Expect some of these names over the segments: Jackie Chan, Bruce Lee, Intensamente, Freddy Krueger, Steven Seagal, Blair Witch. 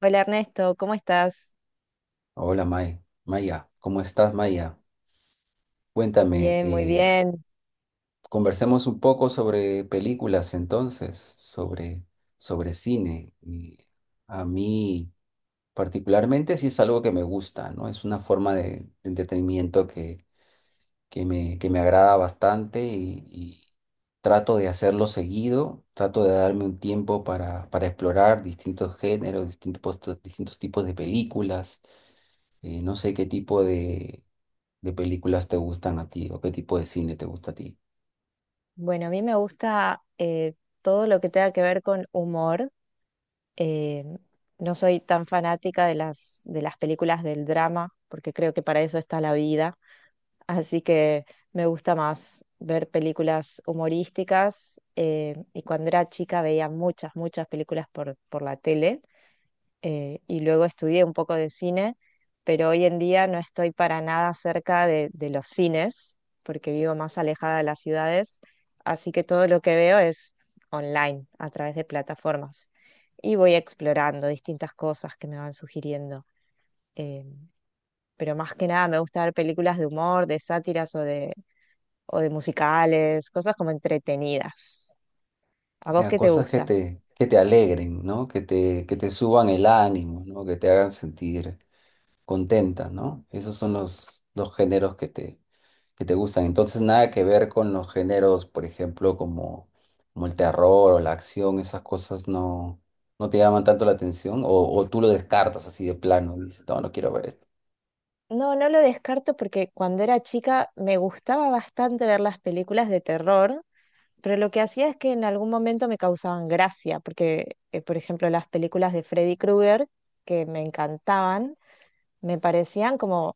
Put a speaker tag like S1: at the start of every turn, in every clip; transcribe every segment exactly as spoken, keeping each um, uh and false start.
S1: Hola Ernesto, ¿cómo estás?
S2: Hola May, Maya, ¿cómo estás Maya? Cuéntame,
S1: Bien, muy
S2: eh,
S1: bien.
S2: conversemos un poco sobre películas entonces, sobre, sobre cine. Y a mí particularmente sí es algo que me gusta, ¿no? Es una forma de, de entretenimiento que, que me, que me agrada bastante y, y trato de hacerlo seguido, trato de darme un tiempo para, para explorar distintos géneros, distintos, distintos tipos de películas. Eh, no sé qué tipo de, de películas te gustan a ti o qué tipo de cine te gusta a ti.
S1: Bueno, a mí me gusta eh, todo lo que tenga que ver con humor. Eh, no soy tan fanática de las, de las películas del drama, porque creo que para eso está la vida. Así que me gusta más ver películas humorísticas. Eh, y cuando era chica veía muchas, muchas películas por, por la tele. Eh, y luego estudié un poco de cine, pero hoy en día no estoy para nada cerca de, de los cines, porque vivo más alejada de las ciudades, así que todo lo que veo es online, a través de plataformas. Y voy explorando distintas cosas que me van sugiriendo. eh, pero más que nada me gusta ver películas de humor, de sátiras o de, o de musicales, cosas como entretenidas. ¿A vos
S2: Ya,
S1: qué te
S2: cosas que
S1: gusta?
S2: te, que te alegren, ¿no? Que te, que te suban el ánimo, ¿no? Que te hagan sentir contenta, ¿no? Esos son los, los géneros que te, que te gustan. Entonces, nada que ver con los géneros, por ejemplo, como, como el terror o la acción, esas cosas no, no te llaman tanto la atención o, o tú lo descartas así de plano, dices, no, no quiero ver esto.
S1: No, no lo descarto porque cuando era chica me gustaba bastante ver las películas de terror, pero lo que hacía es que en algún momento me causaban gracia, porque, eh, por ejemplo, las películas de Freddy Krueger, que me encantaban, me parecían como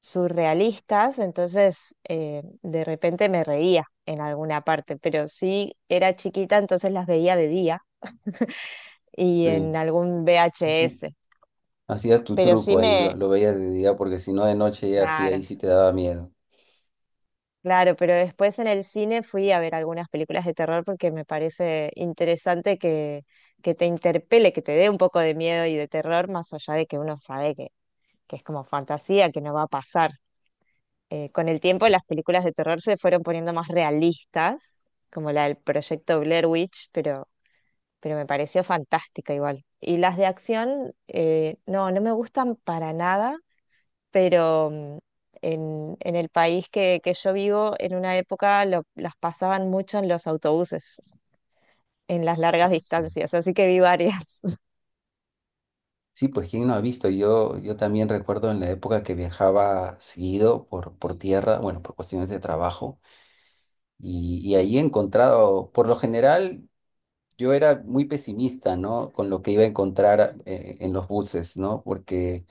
S1: surrealistas, entonces eh, de repente me reía en alguna parte, pero sí era chiquita, entonces las veía de día y en
S2: Sí.
S1: algún V H S,
S2: Hacías tu
S1: pero sí
S2: truco ahí,
S1: me...
S2: lo, lo veías de día, porque si no de noche ya sí, ahí
S1: Claro.
S2: sí te daba miedo.
S1: Claro, pero después en el cine fui a ver algunas películas de terror porque me parece interesante que, que te interpele, que te dé un poco de miedo y de terror, más allá de que uno sabe que, que es como fantasía, que no va a pasar. Eh, con el tiempo
S2: Sí.
S1: las películas de terror se fueron poniendo más realistas, como la del proyecto Blair Witch, pero, pero me pareció fantástica igual. Y las de acción, eh, no, no me gustan para nada pero mm, en, en el país que, que yo vivo, en una época lo- las pasaban mucho en los autobuses, en las largas
S2: oh, Sí,
S1: distancias, así que vi varias.
S2: sí, pues quién no ha visto, yo, yo también recuerdo en la época que viajaba seguido por, por tierra, bueno, por cuestiones de trabajo, y, y ahí he encontrado, por lo general, yo era muy pesimista, ¿no? Con lo que iba a encontrar eh, en los buses, ¿no? Porque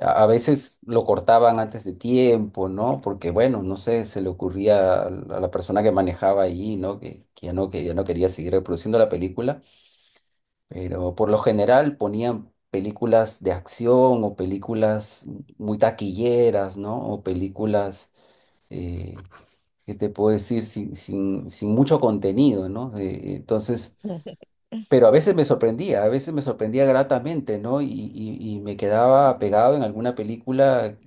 S2: A a veces lo cortaban antes de tiempo, ¿no? Porque, bueno, no sé, se le ocurría al- a la persona que manejaba allí, ¿no? Que, que ya no, que ya no quería seguir reproduciendo la película, pero por lo general ponían películas de acción o películas muy taquilleras, ¿no? O películas, eh, ¿qué te puedo decir? Sin, sin, sin mucho contenido, ¿no? Eh, entonces... Pero a veces me sorprendía, a veces me sorprendía gratamente, ¿no? Y, y- y me quedaba pegado en alguna película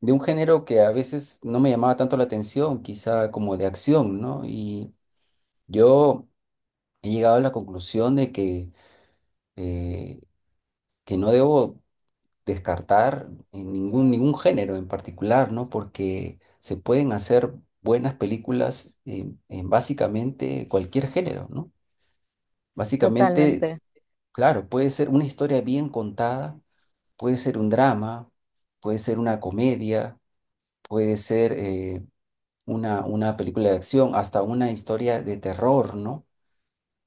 S2: de un género que a veces no me llamaba tanto la atención, quizá como de acción, ¿no? Y yo he llegado a la conclusión de que, eh, que no debo descartar en ningún, ningún género en particular, ¿no? Porque se pueden hacer buenas películas en, en básicamente cualquier género, ¿no? Básicamente,
S1: Totalmente,
S2: claro, puede ser una historia bien contada, puede ser un drama, puede ser una comedia, puede ser eh, una, una película de acción, hasta una historia de terror, ¿no?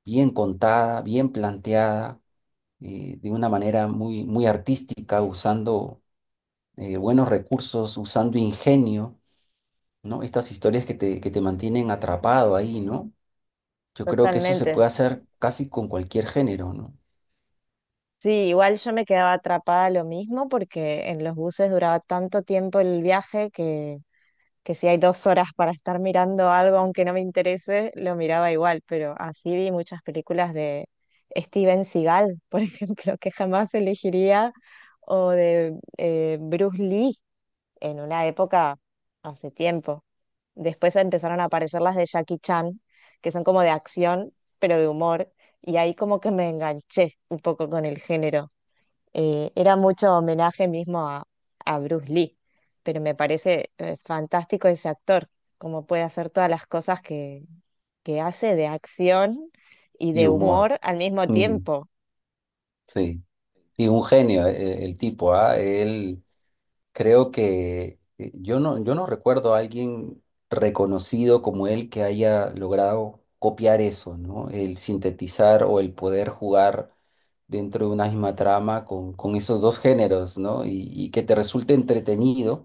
S2: Bien contada, bien planteada, eh, de una manera muy, muy artística, usando eh, buenos recursos, usando ingenio, ¿no? Estas historias que te, que te mantienen atrapado ahí, ¿no? Yo creo que eso se
S1: totalmente.
S2: puede hacer casi con cualquier género, ¿no?
S1: Sí, igual yo me quedaba atrapada lo mismo porque en los buses duraba tanto tiempo el viaje que... que si hay dos horas para estar mirando algo aunque no me interese, lo miraba igual, pero así vi muchas películas de Steven Seagal, por ejemplo, que jamás elegiría, o de eh, Bruce Lee en una época hace tiempo. Después empezaron a aparecer las de Jackie Chan, que son como de acción, pero de humor, y ahí como que me enganché un poco con el género eh, era mucho homenaje mismo a, a Bruce Lee, pero me parece eh, fantástico ese actor, cómo puede hacer todas las cosas que, que hace de acción y
S2: Y
S1: de
S2: humor.
S1: humor al mismo
S2: Ujú,
S1: tiempo.
S2: sí. Y un genio, eh, el, tipo, ¿ah? Él... Creo que eh, yo no, yo no recuerdo a alguien reconocido como él que haya logrado copiar eso, ¿no? El sintetizar o el poder jugar dentro de una misma trama con, con esos dos géneros, ¿no? Y, y que te resulte entretenido,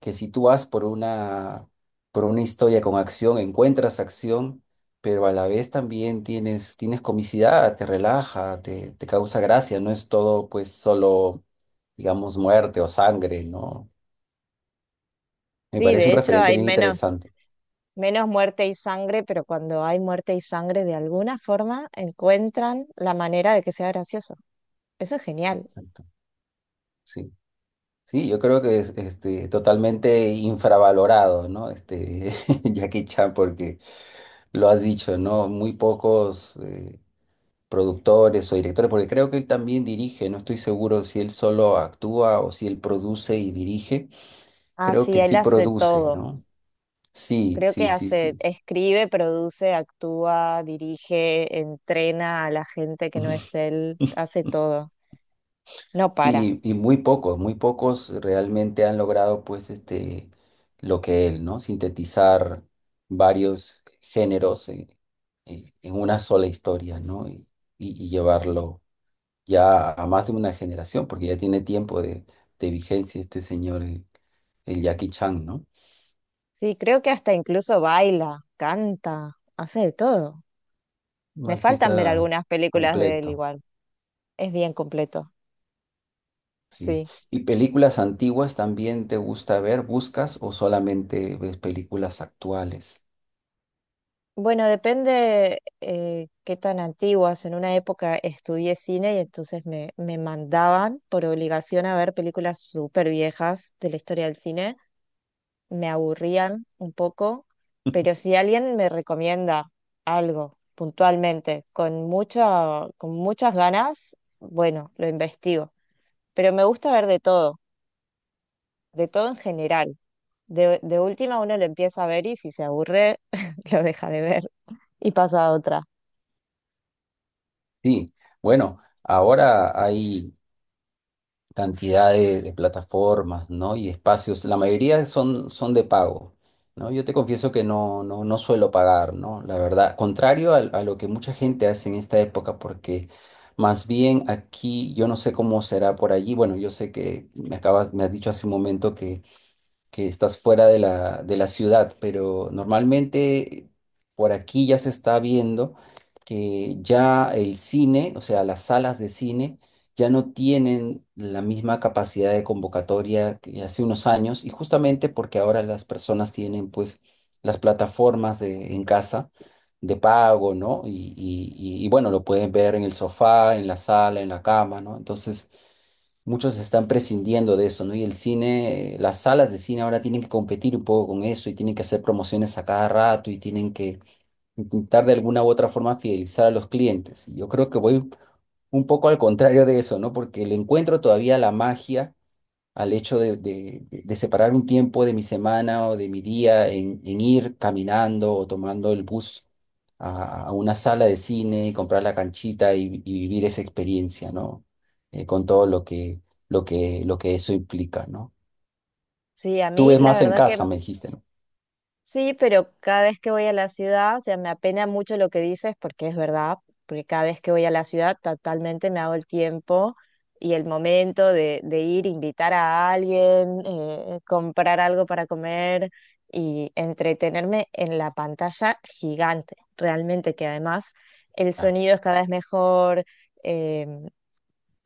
S2: que si tú vas por una, por una historia con acción, encuentras acción, pero a la vez también tienes, tienes comicidad, te relaja, te, te causa gracia, no es todo pues solo, digamos, muerte o sangre, ¿no? Me
S1: Sí,
S2: parece
S1: de
S2: un
S1: hecho
S2: referente
S1: hay
S2: bien
S1: menos,
S2: interesante.
S1: menos muerte y sangre, pero cuando hay muerte y sangre, de alguna forma encuentran la manera de que sea gracioso. Eso es genial.
S2: Exacto. Sí. Sí, yo creo que es este, totalmente infravalorado, ¿no? Este, Jackie Chan, porque lo has dicho, ¿no? Muy pocos eh, productores o directores, porque creo que él también dirige, no estoy seguro si él solo actúa o si él produce y dirige.
S1: Ah,
S2: Creo
S1: sí,
S2: que
S1: él
S2: sí
S1: hace
S2: produce,
S1: todo.
S2: ¿no? Sí,
S1: Creo
S2: sí,
S1: que
S2: sí,
S1: hace,
S2: sí.
S1: escribe, produce, actúa, dirige, entrena a la gente que no es él, hace todo, no para.
S2: Sí, y muy pocos, muy pocos realmente han logrado pues este lo que él, ¿no? Sintetizar varios géneros en, en- en una sola historia, ¿no? Y, y- y llevarlo ya a más de una generación, porque ya tiene tiempo de, de vigencia este señor, el, el Jackie Chan, ¿no?
S1: Sí, creo que hasta incluso baila, canta, hace de todo.
S2: Un
S1: Me
S2: artista
S1: faltan ver algunas películas de él
S2: completo,
S1: igual, es bien completo,
S2: sí.
S1: sí.
S2: ¿Y películas antiguas también te gusta ver, buscas o solamente ves películas actuales?
S1: Bueno, depende eh, qué tan antiguas. En una época estudié cine y entonces me, me mandaban por obligación a ver películas súper viejas de la historia del cine me aburrían un poco, pero si alguien me recomienda algo puntualmente, con mucha, con muchas ganas, bueno, lo investigo. Pero me gusta ver de todo, de todo en general. De, de última uno lo empieza a ver y si se aburre, lo deja de ver y pasa a otra.
S2: Sí, bueno, ahora hay cantidad de, de plataformas, ¿no? Y espacios, la mayoría son, son de pago, ¿no? Yo te confieso que no, no, no suelo pagar, ¿no? La verdad, contrario al- a lo que mucha gente hace en esta época, porque más bien aquí, yo no sé cómo será por allí, bueno, yo sé que me acabas, me has dicho hace un momento que estás fuera de la, de la ciudad, pero normalmente por aquí ya se está viendo que ya el cine, o sea, las salas de cine, ya no tienen la misma capacidad de convocatoria que hace unos años, y justamente porque ahora las personas tienen pues las plataformas de, en casa de pago, ¿no? Y, y, y y, bueno, lo pueden ver en el sofá, en la sala, en la cama, ¿no? Entonces... Muchos están prescindiendo de eso, ¿no? Y el cine, eh, las salas de cine ahora tienen que competir un poco con eso y tienen que hacer promociones a cada rato y tienen que intentar de alguna u otra forma fidelizar a los clientes. Y yo creo que voy un poco al contrario de eso, ¿no? Porque le encuentro todavía la magia al hecho de, de- de- separar un tiempo de mi semana o de mi día en, en ir caminando o tomando el bus a, a una sala de cine y comprar la canchita y, y vivir esa experiencia, ¿no? Eh, con todo lo que, lo que, lo que eso implica, ¿no?
S1: Sí, a
S2: Tú
S1: mí
S2: ves
S1: la
S2: más en
S1: verdad que,
S2: casa, me dijiste, ¿no?
S1: sí, pero cada vez que voy a la ciudad, o sea, me apena mucho lo que dices porque es verdad, porque cada vez que voy a la ciudad totalmente me hago el tiempo y el momento de, de ir, invitar a alguien, eh, eh, comprar algo para comer y entretenerme en la pantalla gigante, realmente que además el
S2: Claro.
S1: sonido es cada vez mejor, em,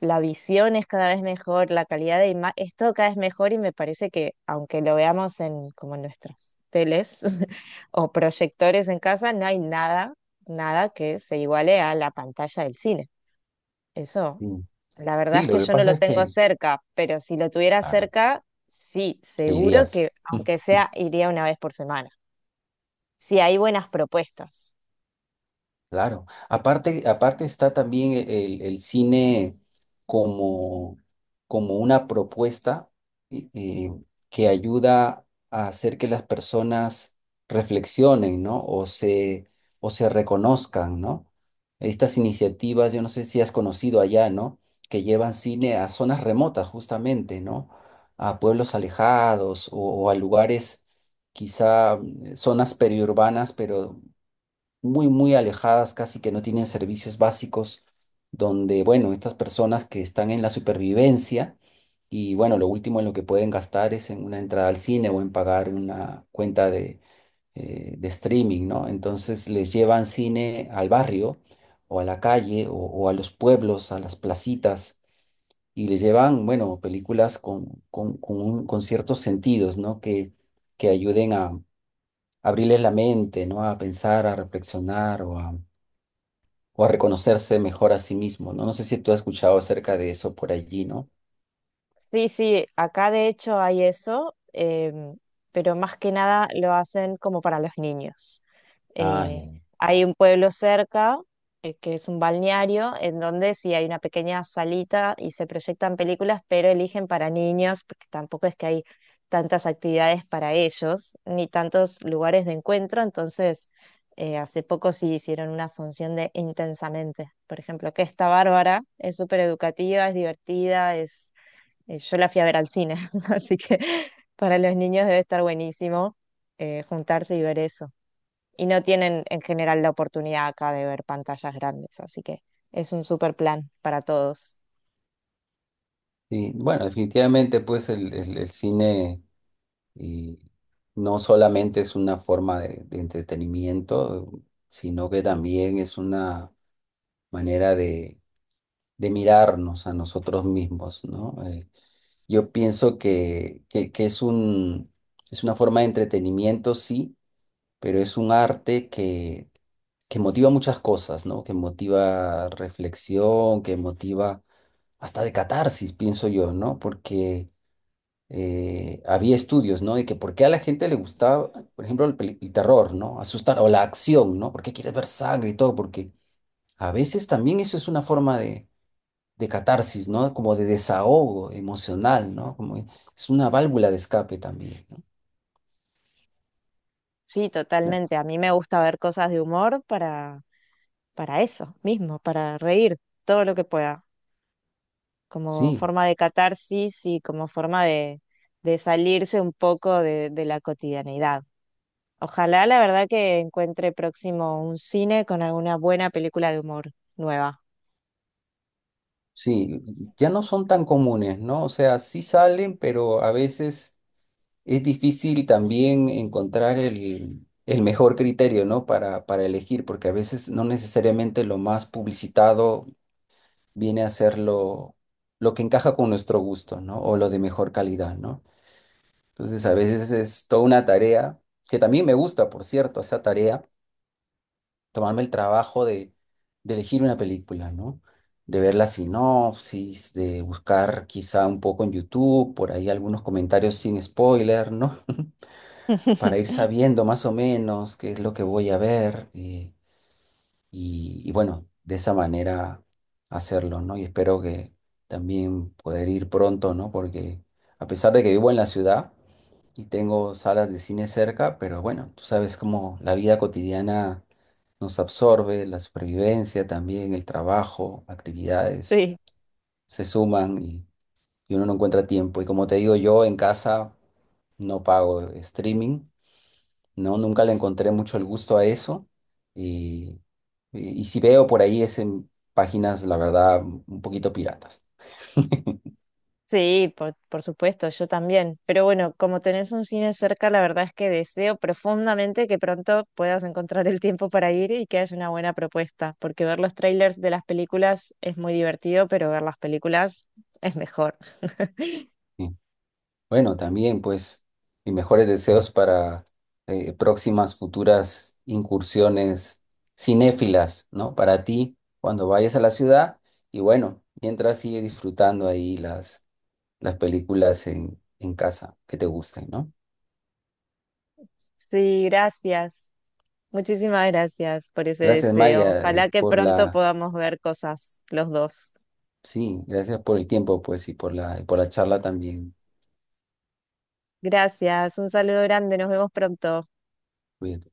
S1: la visión es cada vez mejor, la calidad de imagen es todo cada vez mejor y me parece que aunque lo veamos en como en nuestros teles o proyectores en casa, no hay nada, nada que se iguale a la pantalla del cine. Eso,
S2: Sí.
S1: la verdad
S2: Sí,
S1: es
S2: lo
S1: que
S2: que
S1: yo no
S2: pasa
S1: lo
S2: es
S1: tengo
S2: que,
S1: cerca, pero si lo tuviera
S2: claro,
S1: cerca, sí,
S2: ¿qué
S1: seguro
S2: dirías?
S1: que aunque sea iría una vez por semana. Si hay buenas propuestas.
S2: Claro. Aparte, aparte está también el, el cine como, como una propuesta eh, eh, que ayuda a hacer que las personas reflexionen, ¿no? O se, o se reconozcan, ¿no? Estas iniciativas, yo no sé si has conocido allá, ¿no? Que llevan cine a zonas remotas, justamente, ¿no? A pueblos alejados o, o a lugares, quizá mm, zonas periurbanas, pero muy, muy alejadas, casi que no tienen servicios básicos, donde, bueno, estas personas que están en la supervivencia y, bueno, lo último en lo que pueden gastar es en una entrada al cine o en pagar una cuenta de, eh, de streaming, ¿no? Entonces les llevan cine al barrio o a la calle o, o a los pueblos, a las placitas. Y les llevan, bueno, películas con, con, con un- con ciertos sentidos, ¿no? Que, que ayuden a abrirles la mente, ¿no? A pensar, a reflexionar o a reconocerse mejor a sí mismo, ¿no? No sé si tú has escuchado acerca de eso por allí, ¿no?
S1: Sí, sí, acá de hecho hay eso, em, pero más que nada lo hacen como para los niños.
S2: Ah,
S1: Eh,
S2: ya.
S1: Hay un pueblo cerca, eh, que es un balneario, en donde sí hay una pequeña salita y se proyectan películas, pero eligen para niños, porque tampoco es que hay tantas actividades para ellos, ni tantos lugares de encuentro. Entonces, eh, hace poco sí hicieron una función de Intensamente, por ejemplo, que está bárbara, es súper educativa, es divertida, es eh, yo la fui a ver al cine, así que para los niños debe estar buenísimo eh, juntarse y ver eso. Y no tienen en general la oportunidad acá de ver pantallas grandes, así que es un super plan para todos.
S2: Y bueno, definitivamente, pues el, el- el cine y no solamente es una forma de, de entretenimiento, sino que también es una manera de, de mirarnos a nosotros mismos, ¿no? Eh, yo pienso que, que, que es un, es una forma de entretenimiento, sí, pero es un arte que que motiva muchas cosas, ¿no? Que motiva reflexión, que motiva hasta de catarsis, pienso yo, ¿no? Porque eh, había estudios, ¿no? De que por qué a la gente le gustaba, por ejemplo, el, peli- el terror, ¿no? Asustar o la acción, ¿no? ¿Por qué quieres ver sangre y todo? Porque a veces también eso es una forma de, de catarsis, ¿no? Como de desahogo emocional, ¿no? Como es una válvula de escape también, ¿no?
S1: Sí,
S2: Ya.
S1: totalmente. A mí me gusta ver cosas de humor para, para eso mismo, para reír todo lo que pueda, como
S2: Sí,
S1: forma de catarsis y como forma de, de salirse un poco de de la cotidianidad. Ojalá la verdad que encuentre próximo un cine con alguna buena película de humor nueva.
S2: sí, ya no son tan comunes, ¿no? O sea, sí salen, pero a veces... Es difícil también encontrar el, el mejor criterio, ¿no? Para, para elegir, porque a veces no necesariamente lo más publicitado viene a ser lo, lo que encaja con nuestro gusto, ¿no? O lo de mejor calidad, ¿no? Entonces a veces es toda una tarea, que también me gusta, por cierto, esa tarea, tomarme el trabajo de, de elegir una película, ¿no? De ver la sinopsis, de buscar quizá un poco en YouTube, por ahí algunos comentarios sin spoiler, ¿no? Para ir sabiendo más o menos qué es lo que voy a ver, eh, y, y bueno, de esa manera hacerlo, ¿no? Y espero que también poder ir pronto, ¿no? Porque a pesar de que vivo en la ciudad y tengo salas de cine cerca, pero bueno, tú sabes cómo la vida cotidiana nos absorbe, la supervivencia también, el trabajo, actividades
S1: Sí,
S2: se suman y, y uno no encuentra tiempo. Y como te digo, yo en casa no pago streaming. No, nunca le encontré mucho el gusto a eso. Y, y, y si veo por ahí es en páginas, la verdad, un poquito piratas.
S1: sí, por, por supuesto, yo también. Pero bueno, como tenés un cine cerca, la verdad es que deseo profundamente que pronto puedas encontrar el tiempo para ir y que haya una buena propuesta, porque ver los trailers de las películas es muy divertido, pero ver las películas es mejor.
S2: Sí. Bueno, también pues mis mejores deseos para eh, próximas futuras incursiones cinéfilas, ¿no? Para ti cuando vayas a la ciudad y bueno, mientras sigue disfrutando ahí las, las películas en, en casa que te gusten, ¿no?
S1: Sí, gracias. Muchísimas gracias por ese
S2: Gracias
S1: deseo.
S2: Maya
S1: Ojalá
S2: eh,
S1: que
S2: por
S1: pronto
S2: la...
S1: podamos ver cosas los dos.
S2: Sí, gracias por el tiempo, pues, y por la, y por la charla también.
S1: Gracias, un saludo grande, nos vemos pronto.
S2: Cuídate.